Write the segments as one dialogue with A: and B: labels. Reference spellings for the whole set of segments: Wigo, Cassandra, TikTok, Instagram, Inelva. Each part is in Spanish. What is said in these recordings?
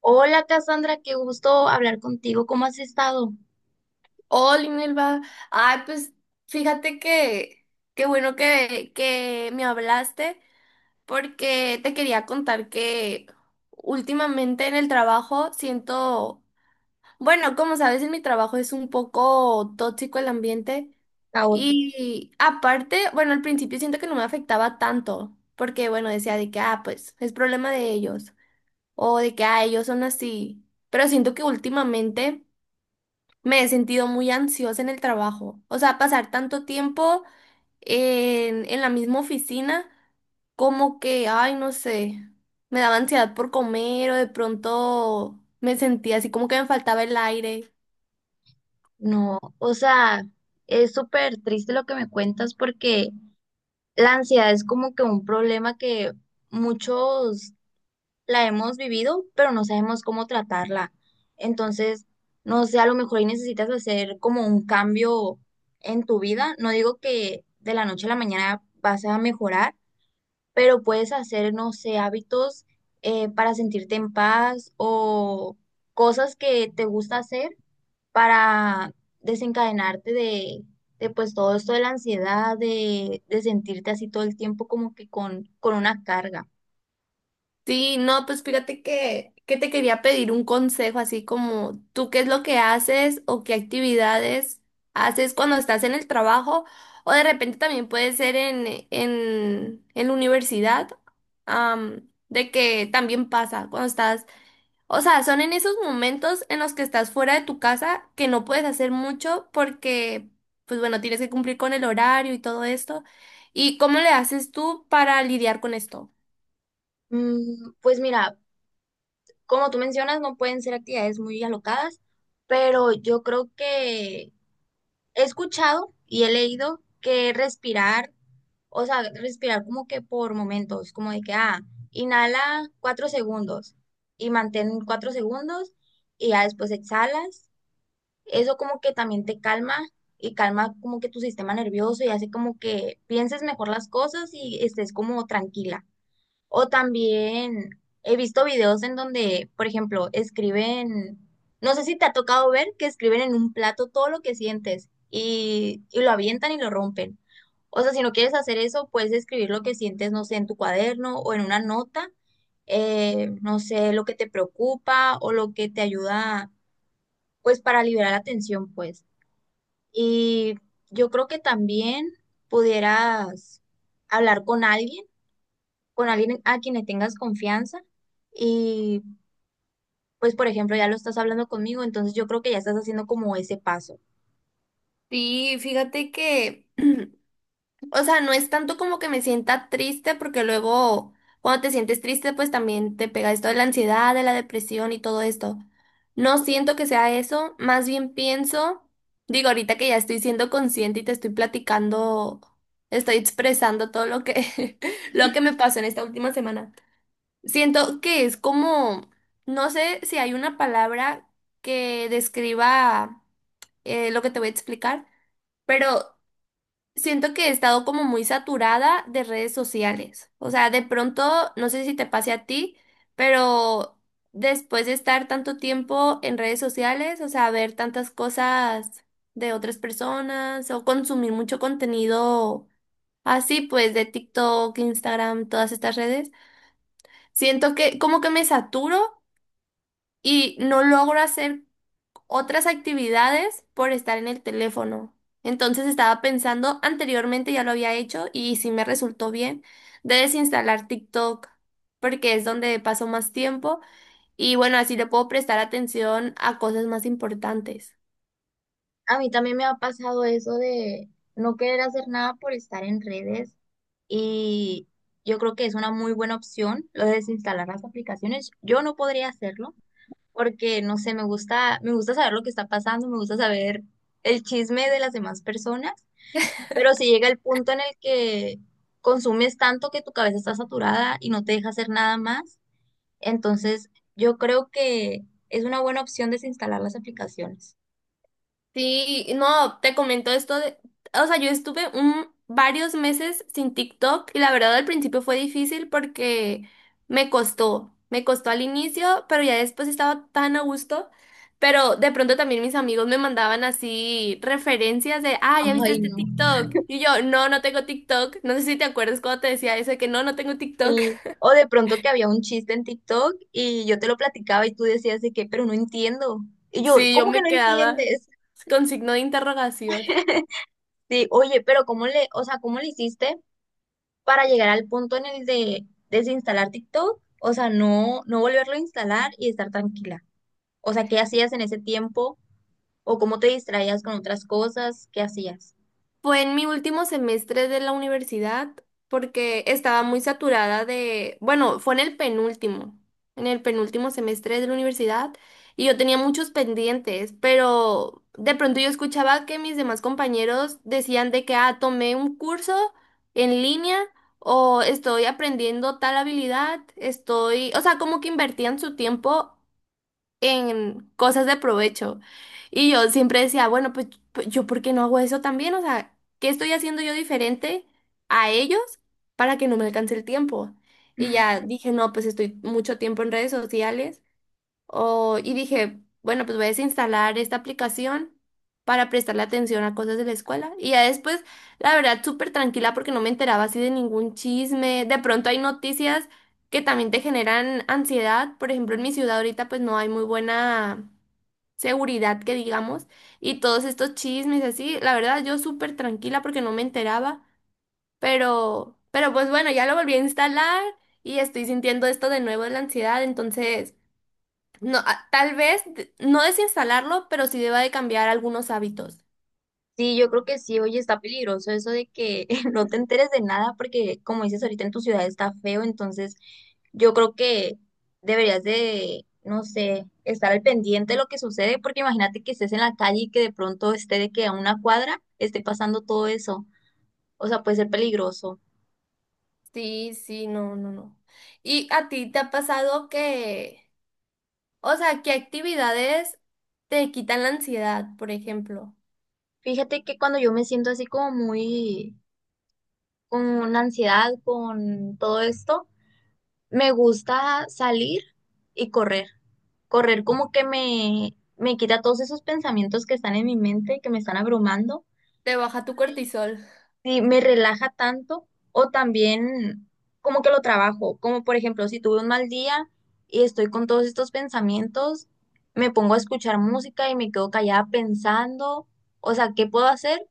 A: Hola Cassandra, qué gusto hablar contigo. ¿Cómo has estado?
B: Hola, Inelva. Ay, pues fíjate que qué bueno que me hablaste porque te quería contar que últimamente en el trabajo siento, bueno, como sabes, en mi trabajo es un poco tóxico el ambiente.
A: Caótico.
B: Y aparte, bueno, al principio siento que no me afectaba tanto porque, bueno, decía de que, ah, pues es problema de ellos o de que, ah, ellos son así, pero siento que últimamente... Me he sentido muy ansiosa en el trabajo. O sea, pasar tanto tiempo en la misma oficina, como que, ay, no sé, me daba ansiedad por comer o de pronto me sentía así como que me faltaba el aire.
A: No, o sea, es súper triste lo que me cuentas porque la ansiedad es como que un problema que muchos la hemos vivido, pero no sabemos cómo tratarla. Entonces, no sé, a lo mejor ahí necesitas hacer como un cambio en tu vida. No digo que de la noche a la mañana vas a mejorar, pero puedes hacer, no sé, hábitos para sentirte en paz o cosas que te gusta hacer para desencadenarte de pues todo esto de la ansiedad, de sentirte así todo el tiempo como que con una carga.
B: Sí, no, pues fíjate que te quería pedir un consejo, así como tú qué es lo que haces o qué actividades haces cuando estás en el trabajo o de repente también puede ser en la universidad, de que también pasa cuando estás, o sea, son en esos momentos en los que estás fuera de tu casa que no puedes hacer mucho porque, pues bueno, tienes que cumplir con el horario y todo esto. ¿Y cómo le haces tú para lidiar con esto?
A: Pues mira, como tú mencionas, no pueden ser actividades muy alocadas, pero yo creo que he escuchado y he leído que respirar. O sea, respirar como que por momentos, como de que, ah, inhala 4 segundos y mantén 4 segundos y ya después exhalas. Eso como que también te calma y calma como que tu sistema nervioso y hace como que pienses mejor las cosas y estés como tranquila. O también he visto videos en donde, por ejemplo, escriben, no sé si te ha tocado ver que escriben en un plato todo lo que sientes y lo avientan y lo rompen. O sea, si no quieres hacer eso, puedes escribir lo que sientes, no sé, en tu cuaderno o en una nota, no sé, lo que te preocupa o lo que te ayuda, pues, para liberar la tensión, pues. Y yo creo que también pudieras hablar con alguien, con alguien a quien le tengas confianza y pues por ejemplo ya lo estás hablando conmigo, entonces yo creo que ya estás haciendo como ese paso.
B: Sí, fíjate que, o sea, no es tanto como que me sienta triste, porque luego cuando te sientes triste, pues también te pega esto de la ansiedad, de la depresión y todo esto. No siento que sea eso, más bien pienso, digo, ahorita que ya estoy siendo consciente y te estoy platicando, estoy expresando todo lo que, lo que me pasó en esta última semana. Siento que es como, no sé si hay una palabra que describa lo que te voy a explicar. Pero siento que he estado como muy saturada de redes sociales. O sea, de pronto, no sé si te pase a ti, pero después de estar tanto tiempo en redes sociales, o sea, ver tantas cosas de otras personas o consumir mucho contenido así, pues de TikTok, Instagram, todas estas redes, siento que como que me saturo y no logro hacer otras actividades por estar en el teléfono. Entonces estaba pensando, anteriormente ya lo había hecho y sí me resultó bien, de desinstalar TikTok, porque es donde paso más tiempo y bueno, así le puedo prestar atención a cosas más importantes.
A: A mí también me ha pasado eso de no querer hacer nada por estar en redes y yo creo que es una muy buena opción lo de desinstalar las aplicaciones. Yo no podría hacerlo porque no sé, me gusta saber lo que está pasando, me gusta saber el chisme de las demás personas. Pero si llega el punto en el que consumes tanto que tu cabeza está saturada y no te deja hacer nada más, entonces yo creo que es una buena opción desinstalar las aplicaciones.
B: Sí, no, te comento esto de, o sea, yo estuve un, varios meses sin TikTok y la verdad al principio fue difícil porque me costó al inicio, pero ya después estaba tan a gusto, pero de pronto también mis amigos me mandaban así referencias de, ah, ¿ya viste
A: Ay,
B: este
A: no.
B: TikTok? Y yo, no, no tengo TikTok, no sé si te acuerdas cuando te decía eso de que no, no tengo TikTok.
A: Sí. O de pronto que había un chiste en TikTok y yo te lo platicaba y tú decías de que, pero no entiendo. Y yo,
B: Sí, yo
A: ¿cómo que
B: me
A: no
B: quedaba
A: entiendes?
B: con signo de interrogación.
A: Sí, oye, pero ¿cómo le, o sea, cómo le hiciste para llegar al punto en el de desinstalar TikTok? O sea, no, no volverlo a instalar y estar tranquila. O sea, ¿qué hacías en ese tiempo? ¿O cómo te distraías con otras cosas? ¿Qué hacías?
B: Fue en mi último semestre de la universidad porque estaba muy saturada de, bueno, fue en el penúltimo semestre de la universidad y yo tenía muchos pendientes, pero de pronto yo escuchaba que mis demás compañeros decían de que, ah, tomé un curso en línea o estoy aprendiendo tal habilidad, estoy, o sea, como que invertían su tiempo en cosas de provecho. Y yo siempre decía, bueno, pues, yo ¿por qué no hago eso también? O sea, ¿qué estoy haciendo yo diferente a ellos para que no me alcance el tiempo? Y ya dije, no, pues estoy mucho tiempo en redes sociales o, y dije, bueno, pues voy a desinstalar esta aplicación para prestarle atención a cosas de la escuela. Y ya después, la verdad, súper tranquila porque no me enteraba así de ningún chisme. De pronto hay noticias que también te generan ansiedad. Por ejemplo, en mi ciudad ahorita pues no hay muy buena seguridad que digamos. Y todos estos chismes así, la verdad, yo súper tranquila porque no me enteraba. Pero pues bueno, ya lo volví a instalar y estoy sintiendo esto de nuevo de la ansiedad. Entonces... No, tal vez no desinstalarlo, pero sí deba de cambiar algunos hábitos.
A: Sí, yo creo que sí, oye, está peligroso eso de que no te enteres de nada porque, como dices ahorita, en tu ciudad está feo, entonces yo creo que deberías de, no sé, estar al pendiente de lo que sucede porque imagínate que estés en la calle y que de pronto esté de que a una cuadra esté pasando todo eso. O sea, puede ser peligroso.
B: Sí, sí, no, no, no. ¿Y a ti te ha pasado que, o sea, qué actividades te quitan la ansiedad, por ejemplo?
A: Fíjate que cuando yo me siento así como muy con ansiedad, con todo esto, me gusta salir y correr. Correr como que me quita todos esos pensamientos que están en mi mente, que me están abrumando.
B: ¿Te baja tu cortisol?
A: Y me relaja tanto. O también como que lo trabajo. Como por ejemplo, si tuve un mal día y estoy con todos estos pensamientos, me pongo a escuchar música y me quedo callada pensando. O sea, ¿qué puedo hacer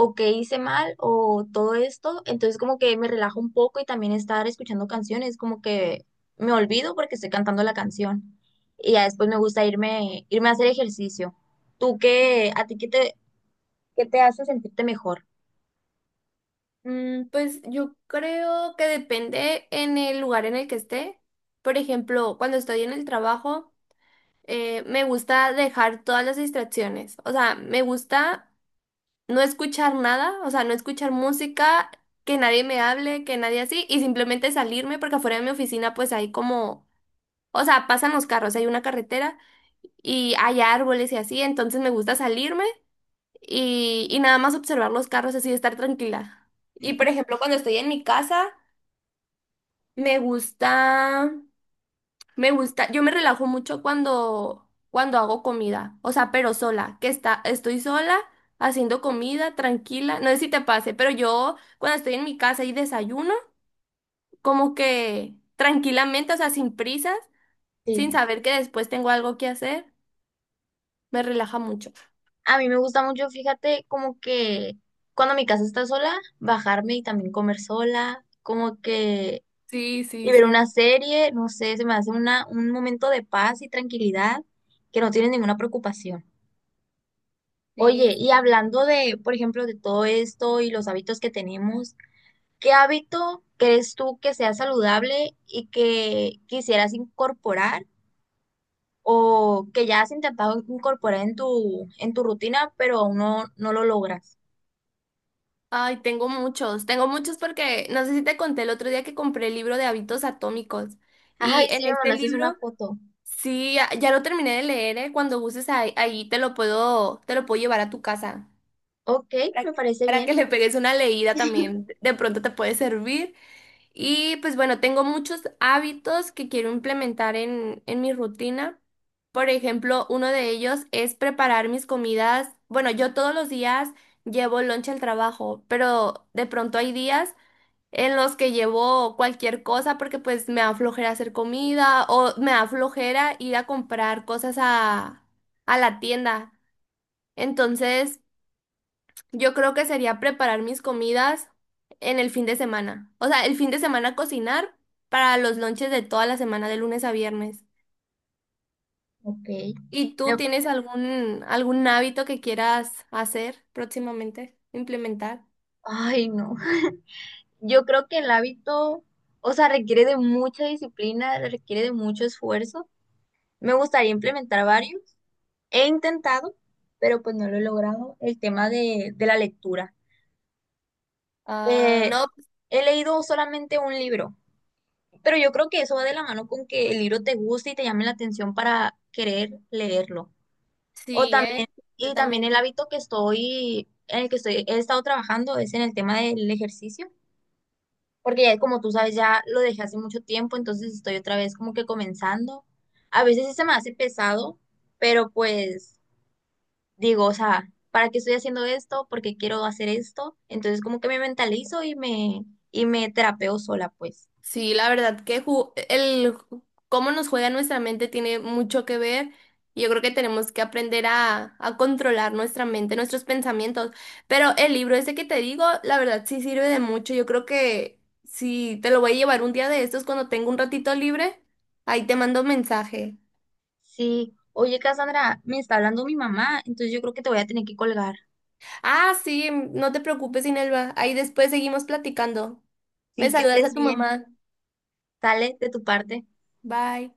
A: o qué hice mal o todo esto? Entonces como que me relajo un poco y también estar escuchando canciones, como que me olvido porque estoy cantando la canción y ya después me gusta irme a hacer ejercicio. ¿Tú qué, a ti qué te hace sentirte mejor?
B: Mm, pues yo creo que depende en el lugar en el que esté. Por ejemplo, cuando estoy en el trabajo, me gusta dejar todas las distracciones. O sea, me gusta no escuchar nada, o sea, no escuchar música, que nadie me hable, que nadie así, y simplemente salirme porque afuera de mi oficina pues hay como, o sea, pasan los carros, hay una carretera y hay árboles y así, entonces me gusta salirme y nada más observar los carros así, estar tranquila. Y por ejemplo, cuando estoy en mi casa, me gusta... Me gusta, yo me relajo mucho cuando hago comida, o sea, pero sola, que está, estoy sola haciendo comida, tranquila, no sé si te pase, pero yo cuando estoy en mi casa y desayuno, como que tranquilamente, o sea, sin prisas, sin
A: Sí,
B: saber que después tengo algo que hacer, me relaja mucho.
A: a mí me gusta mucho, fíjate, como que cuando mi casa está sola, bajarme y también comer sola, como que...
B: Sí,
A: Y
B: sí,
A: ver una
B: sí.
A: serie, no sé, se me hace una, un momento de paz y tranquilidad que no tiene ninguna preocupación. Oye,
B: Sí,
A: y
B: sí.
A: hablando de, por ejemplo, de todo esto y los hábitos que tenemos, ¿qué hábito crees tú que sea saludable y que quisieras incorporar o que ya has intentado incorporar en tu rutina, pero aún no, no lo logras?
B: Ay, tengo muchos porque no sé si te conté el otro día que compré el libro de hábitos atómicos y
A: Ay, sí,
B: en
A: me
B: este
A: mandaste una
B: libro...
A: foto.
B: Sí, ya, ya lo terminé de leer, ¿eh? Cuando gustes ahí, te lo puedo llevar a tu casa
A: Ok,
B: para,
A: me parece
B: para
A: bien.
B: que le pegues una leída también. De pronto te puede servir. Y pues bueno, tengo muchos hábitos que quiero implementar en mi rutina. Por ejemplo, uno de ellos es preparar mis comidas. Bueno, yo todos los días llevo lunch al trabajo, pero de pronto hay días en los que llevo cualquier cosa porque pues me da flojera hacer comida o me da flojera ir a comprar cosas a la tienda. Entonces, yo creo que sería preparar mis comidas en el fin de semana. O sea, el fin de semana cocinar para los lonches de toda la semana, de lunes a viernes.
A: Ok.
B: ¿Y
A: Me-
B: tú tienes algún, algún hábito que quieras hacer próximamente, implementar?
A: Ay, no. Yo creo que el hábito, o sea, requiere de mucha disciplina, requiere de mucho esfuerzo. Me gustaría implementar varios. He intentado, pero pues no lo he logrado, el tema de la lectura.
B: Ah,
A: Eh,
B: no,
A: He leído solamente un libro, pero yo creo que eso va de la mano con que el libro te guste y te llame la atención para querer leerlo. O
B: sí,
A: también, y también el
B: completamente.
A: hábito que estoy, en el que estoy, he estado trabajando es en el tema del ejercicio, porque ya como tú sabes, ya lo dejé hace mucho tiempo, entonces estoy otra vez como que comenzando. A veces sí se me hace pesado, pero pues digo, o sea, ¿para qué estoy haciendo esto? ¿Por qué quiero hacer esto? Entonces como que me mentalizo y me terapeo sola, pues.
B: Sí, la verdad que cómo nos juega nuestra mente tiene mucho que ver. Y yo creo que tenemos que aprender a controlar nuestra mente, nuestros pensamientos. Pero el libro ese que te digo, la verdad sí sirve de mucho. Yo creo que si te lo voy a llevar un día de estos cuando tengo un ratito libre, ahí te mando un mensaje.
A: Sí, oye, Cassandra, me está hablando mi mamá, entonces yo creo que te voy a tener que colgar.
B: Ah, sí, no te preocupes, Inelva. Ahí después seguimos platicando. Me
A: Sí, que
B: saludas
A: estés
B: a tu
A: bien.
B: mamá.
A: Sale de tu parte.
B: Bye.